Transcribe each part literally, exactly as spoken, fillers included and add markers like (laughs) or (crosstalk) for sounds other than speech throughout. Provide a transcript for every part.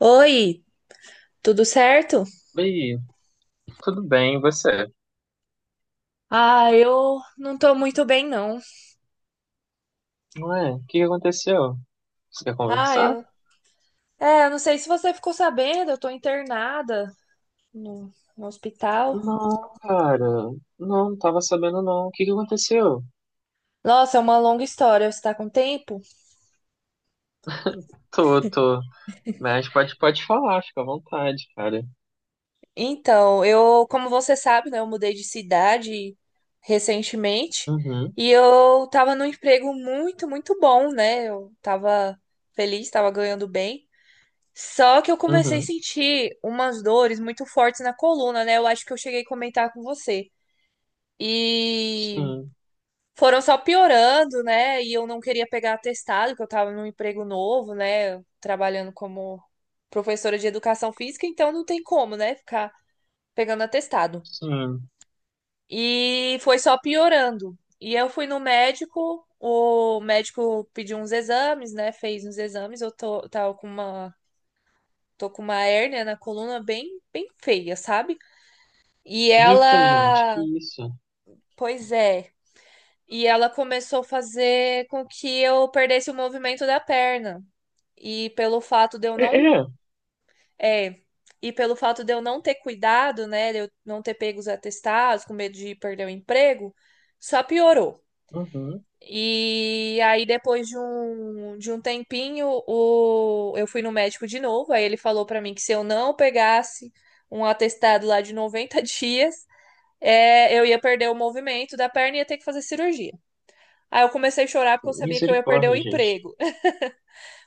Oi, tudo certo? Oi, tudo bem, e você? Ah, eu não tô muito bem, não. Ué, o que que aconteceu? Você quer Ah, conversar? eu. É, eu não sei se você ficou sabendo, eu tô internada no, no hospital. Não, cara, não, não tava sabendo não. O que que aconteceu? Nossa, é uma longa história, você tá com tempo? Tô, tô. Mas pode, pode falar, fica à vontade, cara. Então, eu, como você sabe, né, eu mudei de cidade recentemente Uhum, e eu tava num emprego muito, muito bom, né? Eu tava feliz, tava ganhando bem. Só que eu comecei a uhum, sentir umas dores muito fortes na coluna, né? Eu acho que eu cheguei a comentar com você. E sim, foram só piorando, né? E eu não queria pegar atestado, que eu tava num emprego novo, né? Trabalhando como professora de educação física, então não tem como, né? Ficar pegando atestado. sim. E foi só piorando. E eu fui no médico, o médico pediu uns exames, né? Fez uns exames, eu tô, tava com uma, tô com uma hérnia na coluna bem, bem feia, sabe? E Eita, gente, que ela, isso? pois é. E ela começou a fazer com que eu perdesse o movimento da perna. E pelo fato de eu É, não, é, é, e pelo fato de eu não ter cuidado, né, de eu não ter pego os atestados, com medo de perder o emprego, só piorou. uhum. E aí depois de um, de um tempinho, o, eu fui no médico de novo, aí ele falou pra mim que se eu não pegasse um atestado lá de noventa (laughs) dias, é, eu ia perder o movimento da perna e ia ter que fazer cirurgia. Aí eu comecei a chorar porque eu sabia que eu ia perder o Misericórdia, gente. emprego. (laughs)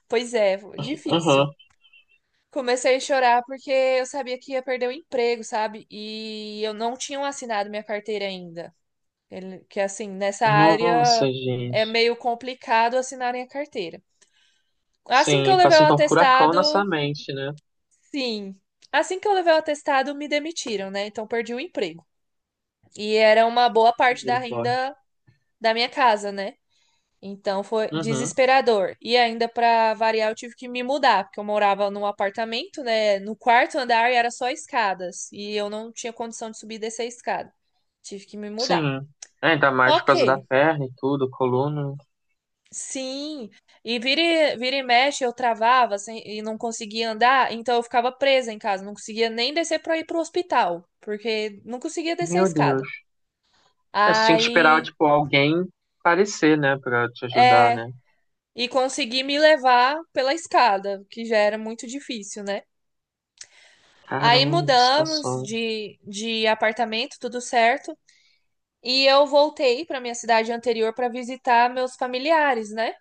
Pois é, difícil. Aham. Comecei a chorar porque eu sabia que ia perder o emprego, sabe? E eu não tinha assinado minha carteira ainda. Ele- que assim, nessa Nossa, área é gente. meio complicado assinarem a carteira. Assim que eu Sim, levei passa o então um furacão na sua atestado, mente, né? sim. Assim que eu levei o atestado, me demitiram, né? Então perdi o emprego. E era uma boa parte da Misericórdia. renda da minha casa, né? Então foi Uhum. desesperador. E ainda para variar, eu tive que me mudar, porque eu morava num apartamento, né, no quarto andar e era só escadas, e eu não tinha condição de subir e descer a escada. Tive que me mudar. Sim. É, ainda mais por causa da OK. perna e tudo, coluna. Sim. E vira e, vira e mexe eu travava assim, e não conseguia andar, então eu ficava presa em casa, não conseguia nem descer para ir pro hospital, porque não conseguia descer a Meu Deus. escada. É, você tinha que esperar, Aí, tipo, alguém aparecer, né, pra te ajudar, é, né? e consegui me levar pela escada, que já era muito difícil, né? Aí Caramba, que mudamos situação. de, de apartamento, tudo certo. E eu voltei para minha cidade anterior para visitar meus familiares, né?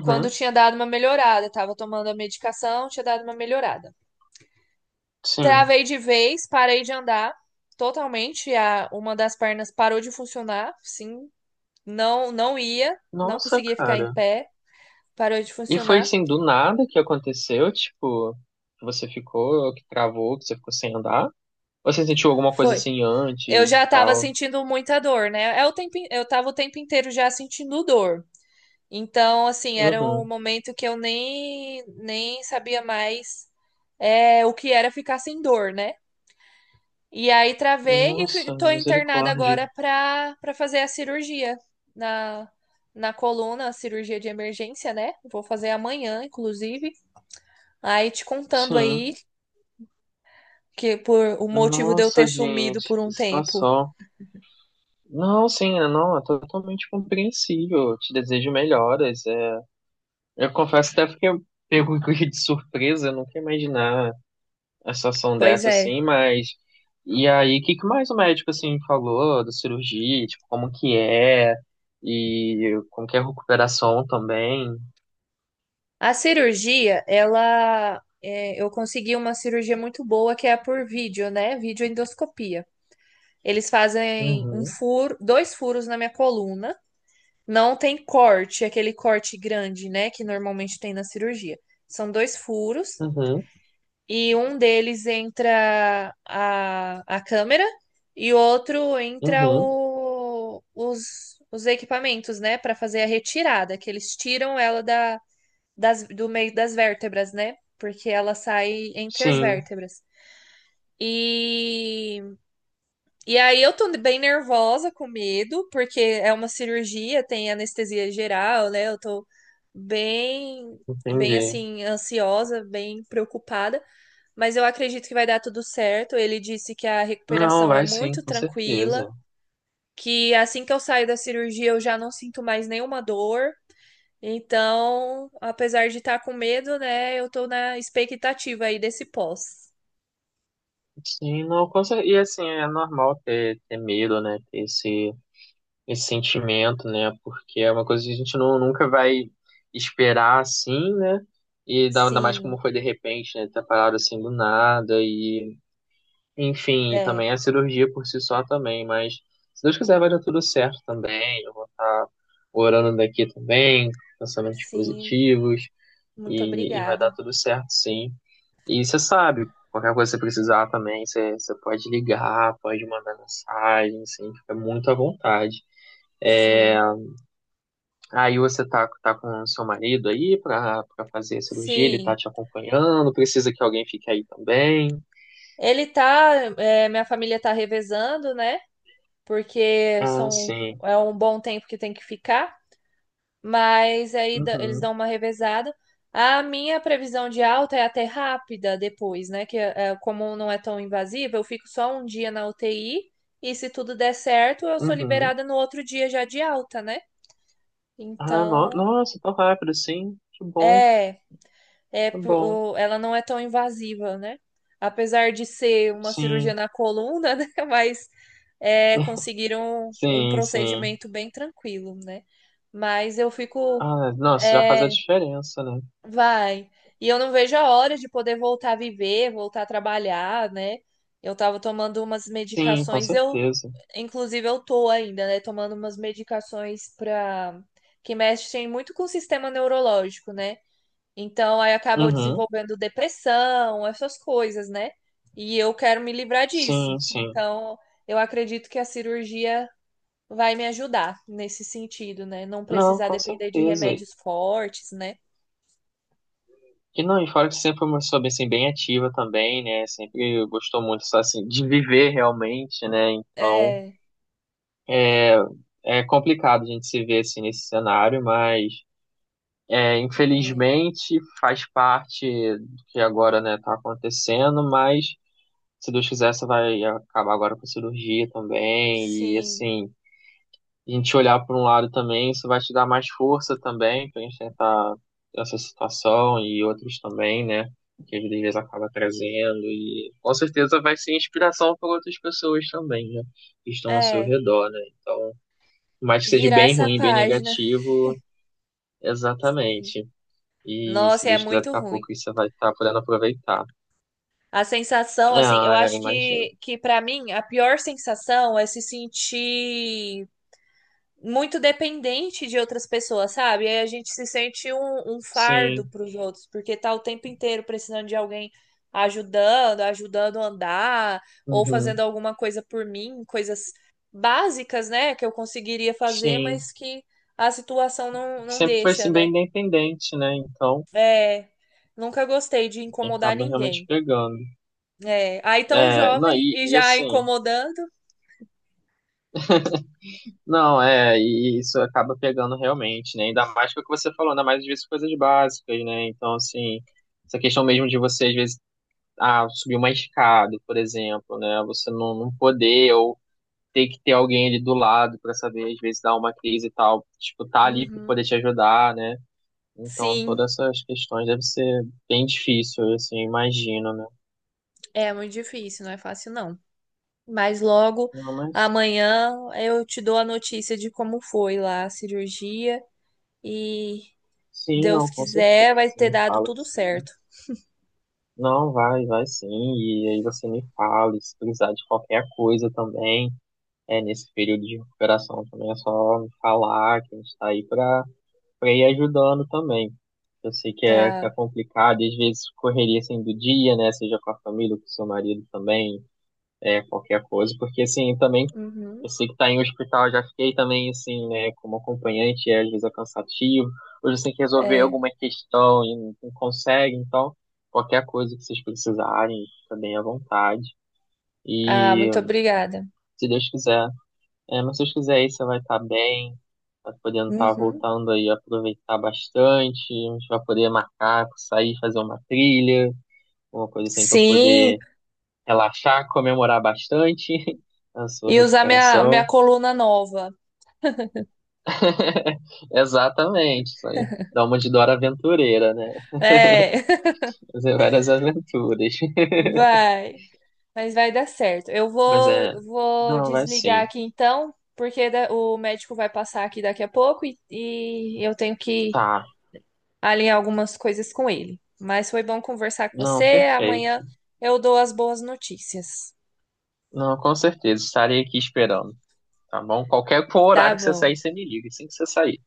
Quando tinha dado uma melhorada, tava tomando a medicação, tinha dado uma melhorada. sim. Travei de vez, parei de andar totalmente, a uma das pernas parou de funcionar, sim, não não ia, não Nossa, conseguia ficar em cara. pé, parou de E foi funcionar. assim, do nada que aconteceu, tipo, que você ficou, que travou, que você ficou sem andar? Ou você sentiu alguma coisa Foi. assim Eu antes e já tava tal? sentindo muita dor, né? É o tempo, in- eu tava o tempo inteiro já sentindo dor. Então, assim, era um Uhum. momento que eu nem, nem sabia mais é, o que era ficar sem dor, né? E aí travei e fui- Nossa, tô internada misericórdia. agora pra, pra fazer a cirurgia na, na coluna, a cirurgia de emergência, né? Vou fazer amanhã, inclusive. Aí te contando aí Sim. que por o motivo de eu Nossa, ter sumido gente, por que um tempo. situação. Não, sim, não, é totalmente compreensível. Eu te desejo melhoras. É, eu confesso até porque eu pego (laughs) de surpresa, eu nunca ia imaginar a situação Pois dessa é. assim, mas e aí, o que que mais o médico assim falou da cirurgia, tipo, como que é e como que é a recuperação também? A cirurgia, ela. É, eu consegui uma cirurgia muito boa que é a por vídeo, né? Videoendoscopia. Eles fazem um Uhum, furo, dois furos na minha coluna. Não tem corte, aquele corte grande, né, que normalmente tem na cirurgia. São dois furos uhum, e um deles entra a, a câmera e outro entra uhum. o, os, os equipamentos, né, para fazer a retirada, que eles tiram ela da, das, do meio das vértebras, né, porque ela sai entre as Sim, vértebras. E E aí eu tô bem nervosa, com medo, porque é uma cirurgia, tem anestesia geral, né? Eu tô bem, bem entendi. assim, ansiosa, bem preocupada, mas eu acredito que vai dar tudo certo. Ele disse que a Não, recuperação é vai sim, muito com tranquila, certeza. que assim que eu saio da cirurgia eu já não sinto mais nenhuma dor. Então, apesar de estar com medo, né, eu tô na expectativa aí desse pós. Sim, não, com cer- e assim, é normal ter, ter medo, né? Ter esse esse sentimento, né? Porque é uma coisa que a gente não, nunca vai esperar assim, né? E dá- ainda mais como Sim, foi de repente, né? Ter parado assim do nada e, enfim, e é, também a cirurgia por si só também, mas se Deus quiser vai dar tudo certo também. Eu vou estar orando daqui também, pensamentos sim, positivos muito e, e vai dar obrigada. tudo certo, sim. E você sabe, qualquer coisa que você precisar também, você, você pode ligar, pode mandar mensagem, assim, fica muito à vontade. É, Sim. aí você tá, tá com o seu marido aí pra, pra fazer a cirurgia, ele tá Sim, te acompanhando, precisa que alguém fique aí também. ele tá, é, minha família tá revezando, né? Porque Ah, são sim. é um bom tempo que tem que ficar, mas aí dá- eles Uhum, dão uma revezada. A minha previsão de alta é até rápida depois, né? Que é, como não é tão invasiva, eu fico só um dia na U T I e se tudo der certo, eu sou uhum. liberada no outro dia já de alta, né? Ah, no, Então, nossa, tão rápido, sim. Que bom, é. É, que por- bom. o- ela não é tão invasiva, né? Apesar de ser uma cirurgia Sim, na coluna, (laughs) né? Mas é, (laughs) conseguiram um sim, sim. procedimento bem tranquilo, né? Mas eu fico, Ah, nossa, já faz a é, diferença, né? vai. E eu não vejo a hora de poder voltar a viver, voltar a trabalhar, né? Eu tava tomando umas Sim, com medicações, eu, certeza. inclusive, eu tô ainda, né? Tomando umas medicações para que mexem muito com o sistema neurológico, né? Então, aí acabam Uhum, desenvolvendo depressão, essas coisas, né? E eu quero me livrar disso. sim, sim. Então, eu acredito que a cirurgia vai me ajudar nesse sentido, né? Não Não, precisar com depender de certeza. remédios fortes, né? E não, e fora que você sempre foi uma pessoa bem, assim, bem ativa também, né? Sempre gostou muito, só, assim, de viver realmente, né? Então. É, É, é complicado a gente se ver assim nesse cenário, mas é, é, infelizmente faz parte do que agora, né, tá acontecendo, mas se Deus quiser, você vai acabar agora com a cirurgia também, e sim, assim, a gente olhar por um lado também, isso vai te dar mais força também pra gente tentar essa situação e outros também, né? Que às vezes acaba trazendo, e com certeza vai ser inspiração para outras pessoas também, né? Que estão ao seu é. redor, né? Então, mais que seja Virar bem essa ruim, bem página. negativo, Sim. exatamente. E se Nossa, é Deus quiser, daqui muito a ruim. pouco isso vai estar podendo aproveitar. A sensação, É, assim, eu é, eu acho imagino. que, que para mim, a pior sensação é se sentir muito dependente de outras pessoas, sabe? Aí a gente se sente um, um fardo Sim, para os outros, porque tá o tempo inteiro precisando de alguém ajudando, ajudando a andar, ou fazendo uhum, alguma coisa por mim, coisas básicas, né, que eu conseguiria fazer, sim. mas que a situação não, não Sempre foi deixa, assim, bem né? independente, né? Então, É, nunca gostei de incomodar acaba realmente ninguém. pegando. É, aí tão É, não, jovem e, e e já assim, incomodando, não, é, e isso acaba pegando realmente, né? Ainda mais que o que você falou, ainda mais às vezes coisas básicas, né? Então, assim, essa questão mesmo de você, às vezes, ah, subir uma escada, por exemplo, né? Você não, não poder, ou ter que ter alguém ali do lado para saber, às vezes, dar uma crise e tal, tipo, tá ali para poder uhum. te ajudar, né? Então, Sim, todas essas questões deve ser bem difícil, assim, eu assim, imagino, né? é muito difícil, não é fácil não. Mas logo Não, mas amanhã eu te dou a notícia de como foi lá a cirurgia e sim, Deus não, com quiser certeza, vai você ter me dado fala tudo sim. certo. Não, vai, vai sim, e aí você me fala, e se precisar de qualquer coisa também, é, nesse período de recuperação também é só me falar que a gente tá aí pra para ir ajudando também. Eu sei que é, que é Ah, complicado, e às vezes correria assim do dia, né? Seja com a família, com o seu marido também, é, qualquer coisa, porque assim, também uhum, eu sei que tá em hospital, já fiquei também assim, né, como acompanhante, e às vezes é cansativo, ou você tem que resolver é. alguma questão e não não consegue, então qualquer coisa que vocês precisarem, fica bem à vontade. Ah, E muito obrigada. se Deus quiser. É, mas se você fizer você vai estar bem, vai podendo estar Uhum. voltando aí, aproveitar bastante, a gente vai poder marcar, sair, fazer uma trilha, uma coisa assim para Sim, poder relaxar, comemorar bastante (laughs) a sua e usar minha, minha recuperação. coluna nova. (laughs) Exatamente, isso aí. Dá uma de Dora Aventureira, né? É, (laughs) Fazer várias aventuras. (laughs) vai. Mas vai dar certo. Eu Mas vou, é, vou não, vai desligar sim. aqui então, porque da- o médico vai passar aqui daqui a pouco e, e eu tenho que Tá, alinhar algumas coisas com ele. Mas foi bom conversar com não, você. Amanhã perfeito. eu dou as boas notícias. Não, com certeza, estarei aqui esperando, tá bom? Qualquer Tá horário que você bom. sair, você me liga, assim que você sair.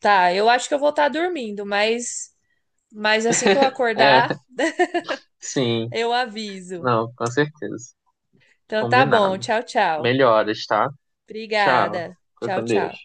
Tá, eu acho que eu vou estar dormindo, mas, mas assim que eu É, acordar, (laughs) sim. eu aviso. Não, com certeza. Então tá bom. Combinado. Tchau, tchau. Melhoras, tá? Tchau. Obrigada. Fica Tchau, com Deus. tchau.